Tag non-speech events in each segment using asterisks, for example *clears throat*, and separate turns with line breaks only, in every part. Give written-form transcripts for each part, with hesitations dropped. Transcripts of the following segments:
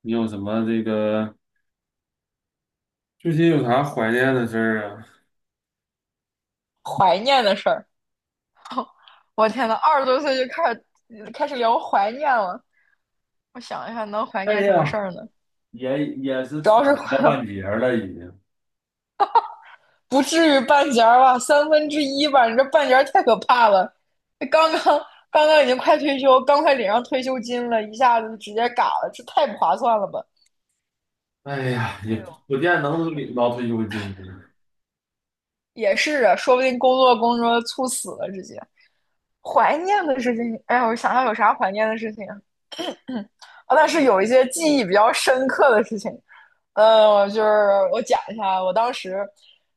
你有什么最近有啥怀念的事儿啊？
怀念的事儿。我天呐，二十多岁就开始聊怀念了。我想一下，能怀
哎
念什么事
呀，
儿呢？
也是
主
土
要是
了半截儿了，已经。
不至于半截儿吧，1/3吧。你这半截儿太可怕了。刚刚刚刚已经快退休，刚快领上退休金了，一下子直接嘎了，这太不划算了吧？
哎呀，也
哎呦，
不见能领到退休金呢，
也是啊，说不定工作猝死了，直接。怀念的事情，哎呀，我想想有啥怀念的事情啊？啊，但是有一些记忆比较深刻的事情，我就是我讲一下，我当时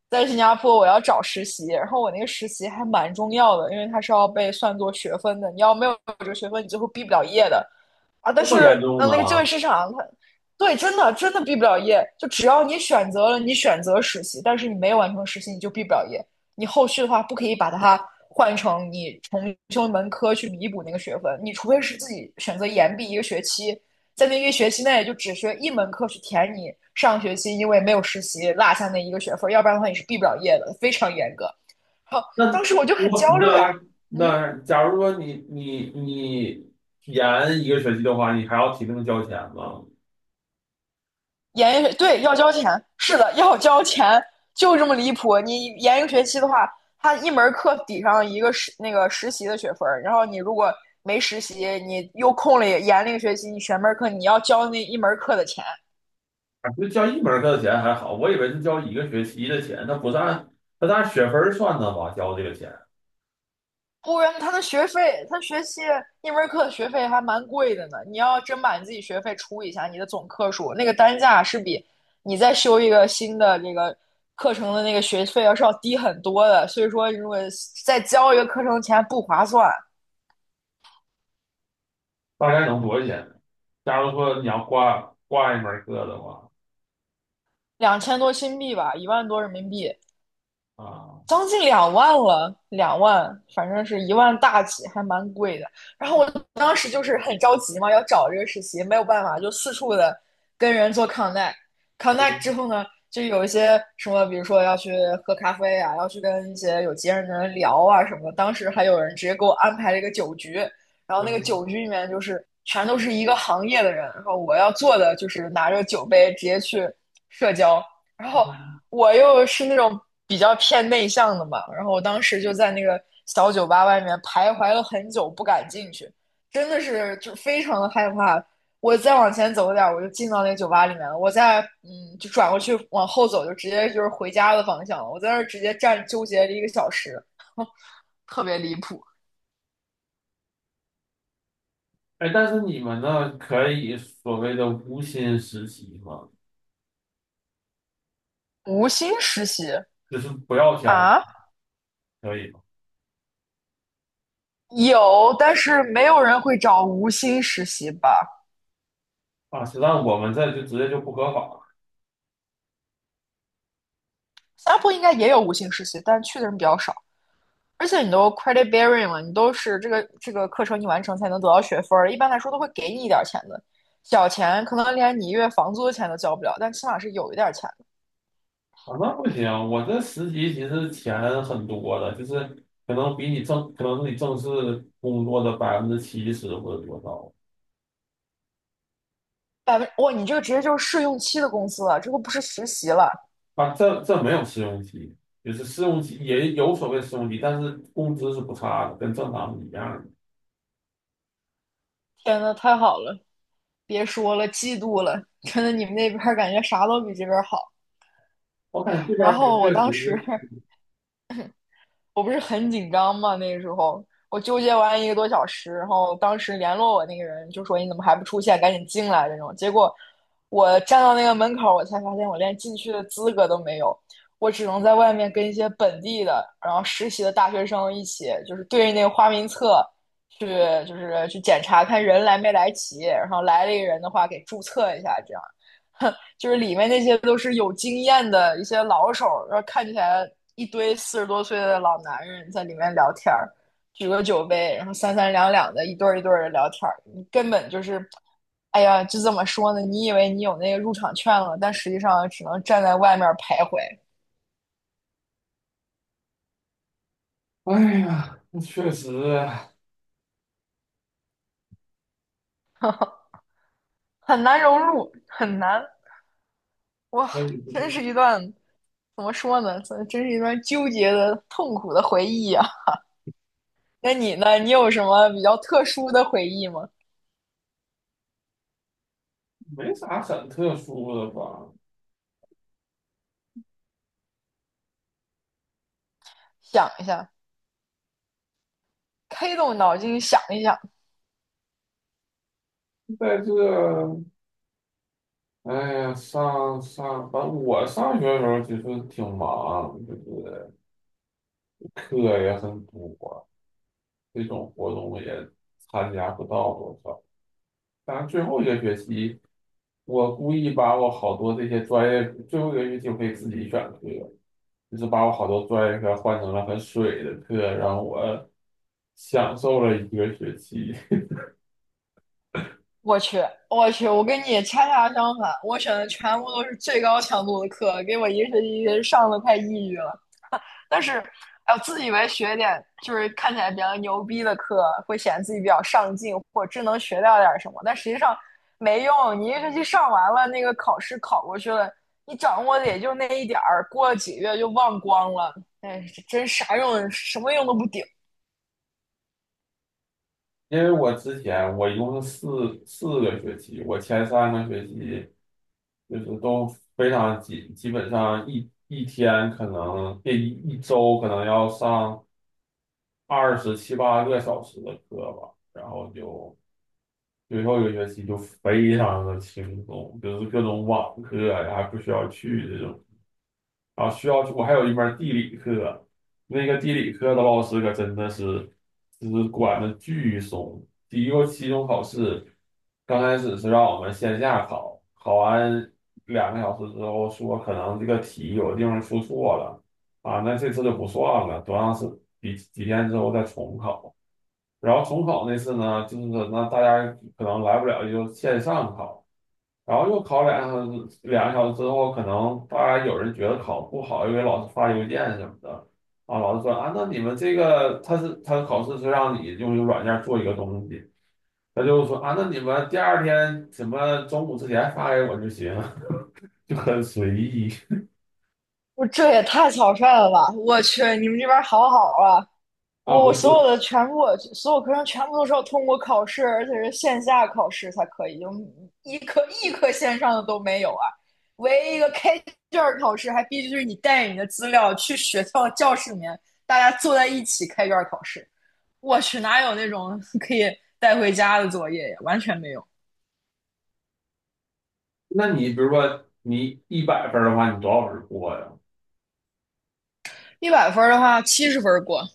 在新加坡，我要找实习，然后我那个实习还蛮重要的，因为它是要被算作学分的，你要没有这个学分，你最后毕不了业的。啊，
这
但是
么严重呢？
那个就业市场，它对，真的毕不了业。就只要你选择了，你选择实习，但是你没有完成实习，你就毕不了业。你后续的话，不可以把它换成你重修一门科去弥补那个学分。你除非是自己选择延毕一个学期，在那一个学期内就只学一门课去填你上学期因为没有实习落下那一个学分，要不然的话你是毕不了业的，非常严格。好，
那
当时我就很
我
焦虑啊，
那
嗯。
那，假如说你延一个学期的话，你还要提前交钱吗？
研一学对要交钱，是的，要交钱，就这么离谱。你研一个学期的话，他一门课抵上一个那个实习的学分，然后你如果没实习，你又空了研了一个学期，你选门课你要交那一门课的钱，
啊，就交一门课的钱还好，我以为是交一个学期的钱，那不是按那是按学分儿算的吧？交这个钱。
不然他的学费，他学期一门课的学费还蛮贵的呢。你要真把你自己学费除一下，你的总课数那个单价是比你再修一个新的这个课程的那个学费要是要低很多的。所以说，如果再交一个课程钱不划算，
大概能多少钱？假如说你要挂一门课的话，
2000多新币吧，10000多人民币。
啊，
将近20000了，两万，反正是10000大几，还蛮贵的。然后我当时就是很着急嘛，要找这个实习，没有办法，就四处的跟人做 connect。connect 之
嗯，
后呢，就有一些什么，比如说要去喝咖啡啊，要去跟一些有经验的人聊啊什么的。当时还有人直接给我安排了一个酒局，然后那个
嗯
酒局里面就是全都是一个行业的人，然后我要做的就是拿着酒杯直接去社交。然后
嗯。
我又是那种比较偏内向的嘛，然后我当时就在那个小酒吧外面徘徊了很久，不敢进去，真的是就非常的害怕。我再往前走一点我就进到那个酒吧里面了。我再就转过去往后走，就直接就是回家的方向了。我在那儿直接站纠结了1个小时，*laughs* 特别离谱。
哎，但是你们呢，可以所谓的无薪实习吗？
无薪实习
就是不要钱，
啊，
可以吗？
有，但是没有人会找无薪实习吧？
啊，实际上我们这就直接就不合法。
新加坡应该也有无薪实习，但去的人比较少。而且你都 credit bearing 了，你都是这个课程你完成才能得到学分儿，一般来说都会给你一点钱的，小钱可能连你一月房租的钱都交不了，但起码是有一点钱的。
啊，那不行，我这实习其实钱很多的，就是可能是你正式工作的百分之七十或者多少。
百分，哇，你这个直接就是试用期的工资了，这个不是实习了。
啊，这没有试用期，就是试用期也有所谓试用期，但是工资是不差的，跟正常是一样的。
天呐，太好了，别说了，嫉妒了，真的你们那边感觉啥都比这边好。
我感
哎呀，
觉这边
然
儿可能
后
确
我当时
实。
我不是很紧张嘛，那个时候我纠结完1个多小时，然后当时联络我那个人就说你怎么还不出现，赶紧进来这种。结果我站到那个门口，我才发现我连进去的资格都没有，我只能在外面跟一些本地的，然后实习的大学生一起，就是对着那个花名册去，就是去检查看人来没来齐，然后来了一个人的话给注册一下，这样。*laughs* 就是里面那些都是有经验的一些老手，然后看起来一堆40多岁的老男人在里面聊天儿，举个酒杯，然后三三两两的一对一对的聊天儿，你根本就是，哎呀，就这怎么说呢？你以为你有那个入场券了，但实际上只能站在外面徘徊，
哎呀，确实。
很难融入，很难，哇，
哎，
真是一段怎么说呢？真是一段纠结的、痛苦的回忆呀。那你呢？你有什么比较特殊的回忆吗？
没啥很特殊的吧。
想一下。开动脑筋想一想。
在这，哎呀，反正我上学的时候其实挺忙，就是课也很多，这种活动也参加不到多少。是最后一个学期，我故意把我好多这些专业，最后一个学期我可以自己选课，就是把我好多专业课换成了很水的课，然后我享受了一个学期。*laughs*
我去，我去，我跟你恰恰相反，我选的全部都是最高强度的课，给我一个学期上的快抑郁了。但是，哎，我自以为学点就是看起来比较牛逼的课，会显得自己比较上进，或者真能学到点什么，但实际上没用。你一学期上完了，那个考试考过去了，你掌握的也就那一点儿，过了几个月就忘光了。哎，真啥用，什么用都不顶。
因为我之前我一共是四个学期，我前3个学期就是都非常紧，基本上一周可能要上27、28个小时的课吧，然后就。最后一个学期就非常的轻松，就是各种网课呀，还不需要去这种。啊，需要去。我还有一门地理课，那个地理课的老师可真的是，就是管的巨松。第一个期中考试，刚开始是让我们线下考，考完两个小时之后说可能这个题有的地方出错了，啊，那这次就不算了，多长时几几天之后再重考。然后重考那次呢，就是说，那大家可能来不了，就线上考，然后又考两个小时，两个小时之后，可能大家有人觉得考不好，又给老师发邮件什么的，啊，老师说啊，那你们这个他考试是让你用一个软件做一个东西，他就说啊，那你们第二天什么中午之前发给我就行，*laughs* 就很随意。
我这也太草率了吧！我去，你们这边儿好好啊！
*laughs* 啊，
我
不
所有
是？
的全部，所有课程全部都是要通过考试，而且是线下考试才可以，就一科一科线上的都没有啊！唯一一个开卷儿考试，还必须是你带着你的资料去学校教室里面，大家坐在一起开卷儿考试。我去，哪有那种 *laughs* 带回家的作业呀？完全没有。
那你比如说你一百分儿的话，你多少分儿过呀？
100分儿的话，70分儿过，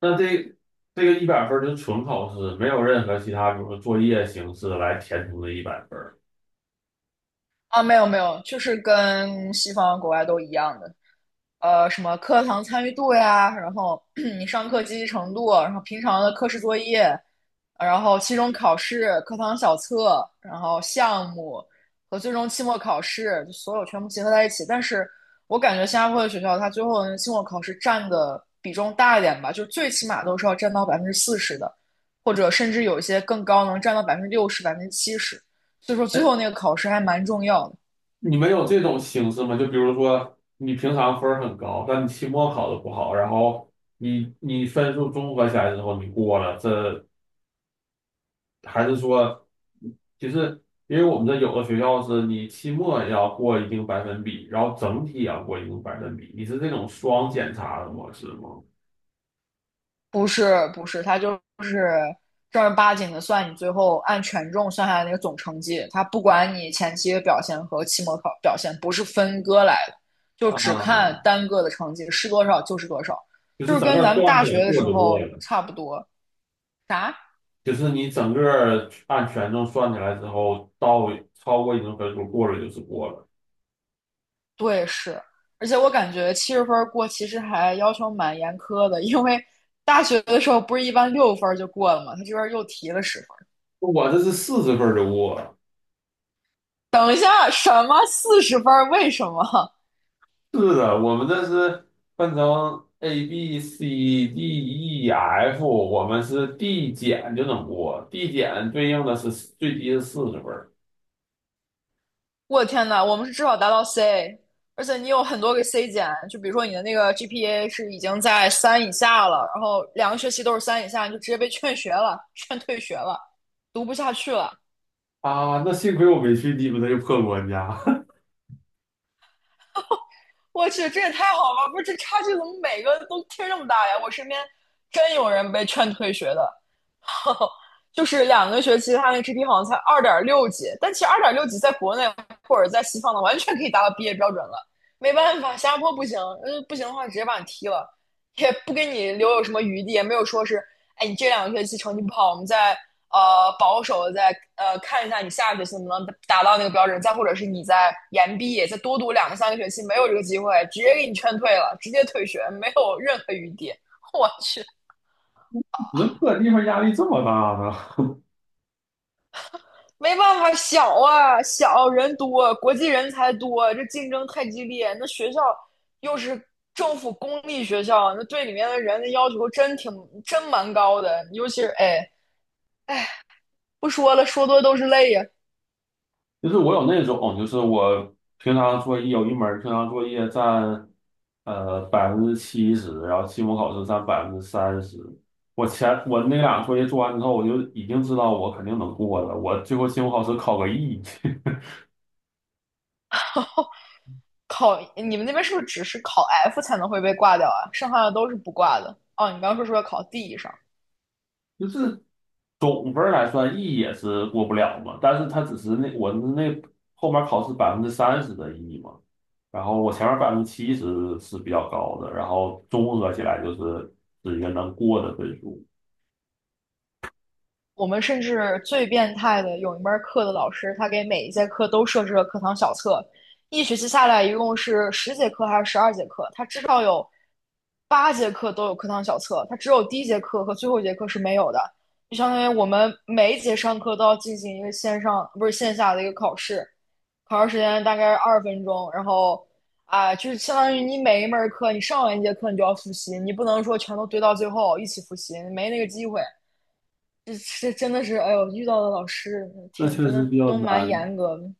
那这，这个一百分儿就纯考试，没有任何其他，比如说作业形式来填充这一百分儿。
啊，没有，就是跟西方国外都一样的，什么课堂参与度呀，然后 *clears throat* 你上课积极程度，然后平常的课时作业，然后期中考试、课堂小测，然后项目和最终期末考试，就所有全部结合在一起。但是我感觉新加坡的学校，它最后的期末考试占的比重大一点吧，就是最起码都是要占到40%的，或者甚至有一些更高，能占到60%、70%。所以说
哎，
最后那个考试还蛮重要的。
你们有这种形式吗？就比如说你平常分儿很高，但你期末考的不好，然后你分数综合起来之后你过了，这还是说，其实因为我们这有的学校是你期末也要过一定百分比，然后整体也要过一定百分比，你是这种双检查的模式吗？
不是，他就是正儿八经的算你最后按权重算下来那个总成绩，他不管你前期的表现和期末考表现，不是分割来的，就只
啊，
看单个的成绩是多少就是多少，
就
就
是
是
整
跟
个
咱们
算
大
起来
学的
过
时
就过
候
了。
差不多。啥？
就是你整个按权重算起来之后，到超过一定分数过了就是过了。
对，是。而且我感觉七十分过其实还要求蛮严苛的，因为大学的时候不是一般6分就过了吗？他这边又提了十分。
我这是四十分就过了。
等一下，什么40分？为什么？
是的，我们这是分成 ABCDEF,我们是递减就能过，递减对应的是最低是40分儿。
我的天呐，我们是至少达到 C，而且你有很多个 C 减，就比如说你的那个 GPA 是已经在三以下了，然后两个学期都是三以下，你就直接被劝学了，*laughs* 劝退学了，读不下去了。
啊，那幸亏我没去你们那个破国家。
我去，这也太好了！不是这差距怎么每个都贴这么大呀？我身边真有人被劝退学的，后就是两个学期他那 GP 好像才二点六级，但其实二点六级在国内或者在西方的完全可以达到毕业标准了。没办法，新加坡不行，不行的话直接把你踢了，也不给你留有什么余地，也没有说是，哎，你这两个学期成绩不好，我们再保守的再看一下你下个学期能不能达到那个标准，再或者是你在延毕，再多读两个三个学期，没有这个机会，直接给你劝退了，直接退学，没有任何余地。*laughs* 我去，
*laughs* 你们破地方压力这么大呢？
没办法，小啊，小人多，国际人才多，这竞争太激烈。那学校又是政府公立学校，那对里面的人的要求真蛮高的。尤其是哎，不说了，说多都是泪呀。
就是我有那种，就是我平常作业有一门儿平常作业占百分之七十，然后期末考试占百分之三十。我前我那俩作业做完之后，我就已经知道我肯定能过了。我最后期末考试考个 E,
考你们那边是不是只是考 F 才能会被挂掉啊？剩下的都是不挂的。哦，你刚刚说要考 D 以上，
*laughs* 就是总分儿来算 E 也是过不了嘛，但是它只是那我那后面考试百分之三十的 E 嘛，然后我前面百分之七十是比较高的，然后综合起来就是一个能过的分数。
我们甚至最变态的，有一门课的老师，他给每一节课都设置了课堂小测，一学期下来一共是10节课还是12节课，他只。8节课都有课堂小测，它只有第一节课和最后一节课是没有的。就相当于我们每一节上课都要进行一个线上，不是线下的一个考试，考试时间大概是20分钟，然后就是相当于你每一门课你上完一节课你就要复习，你不能说全都堆到最后一起复习，没那个机会。这这真的是，哎呦，遇到的老师
那
挺
确
真
实
的
比较
都蛮
难。
严格的。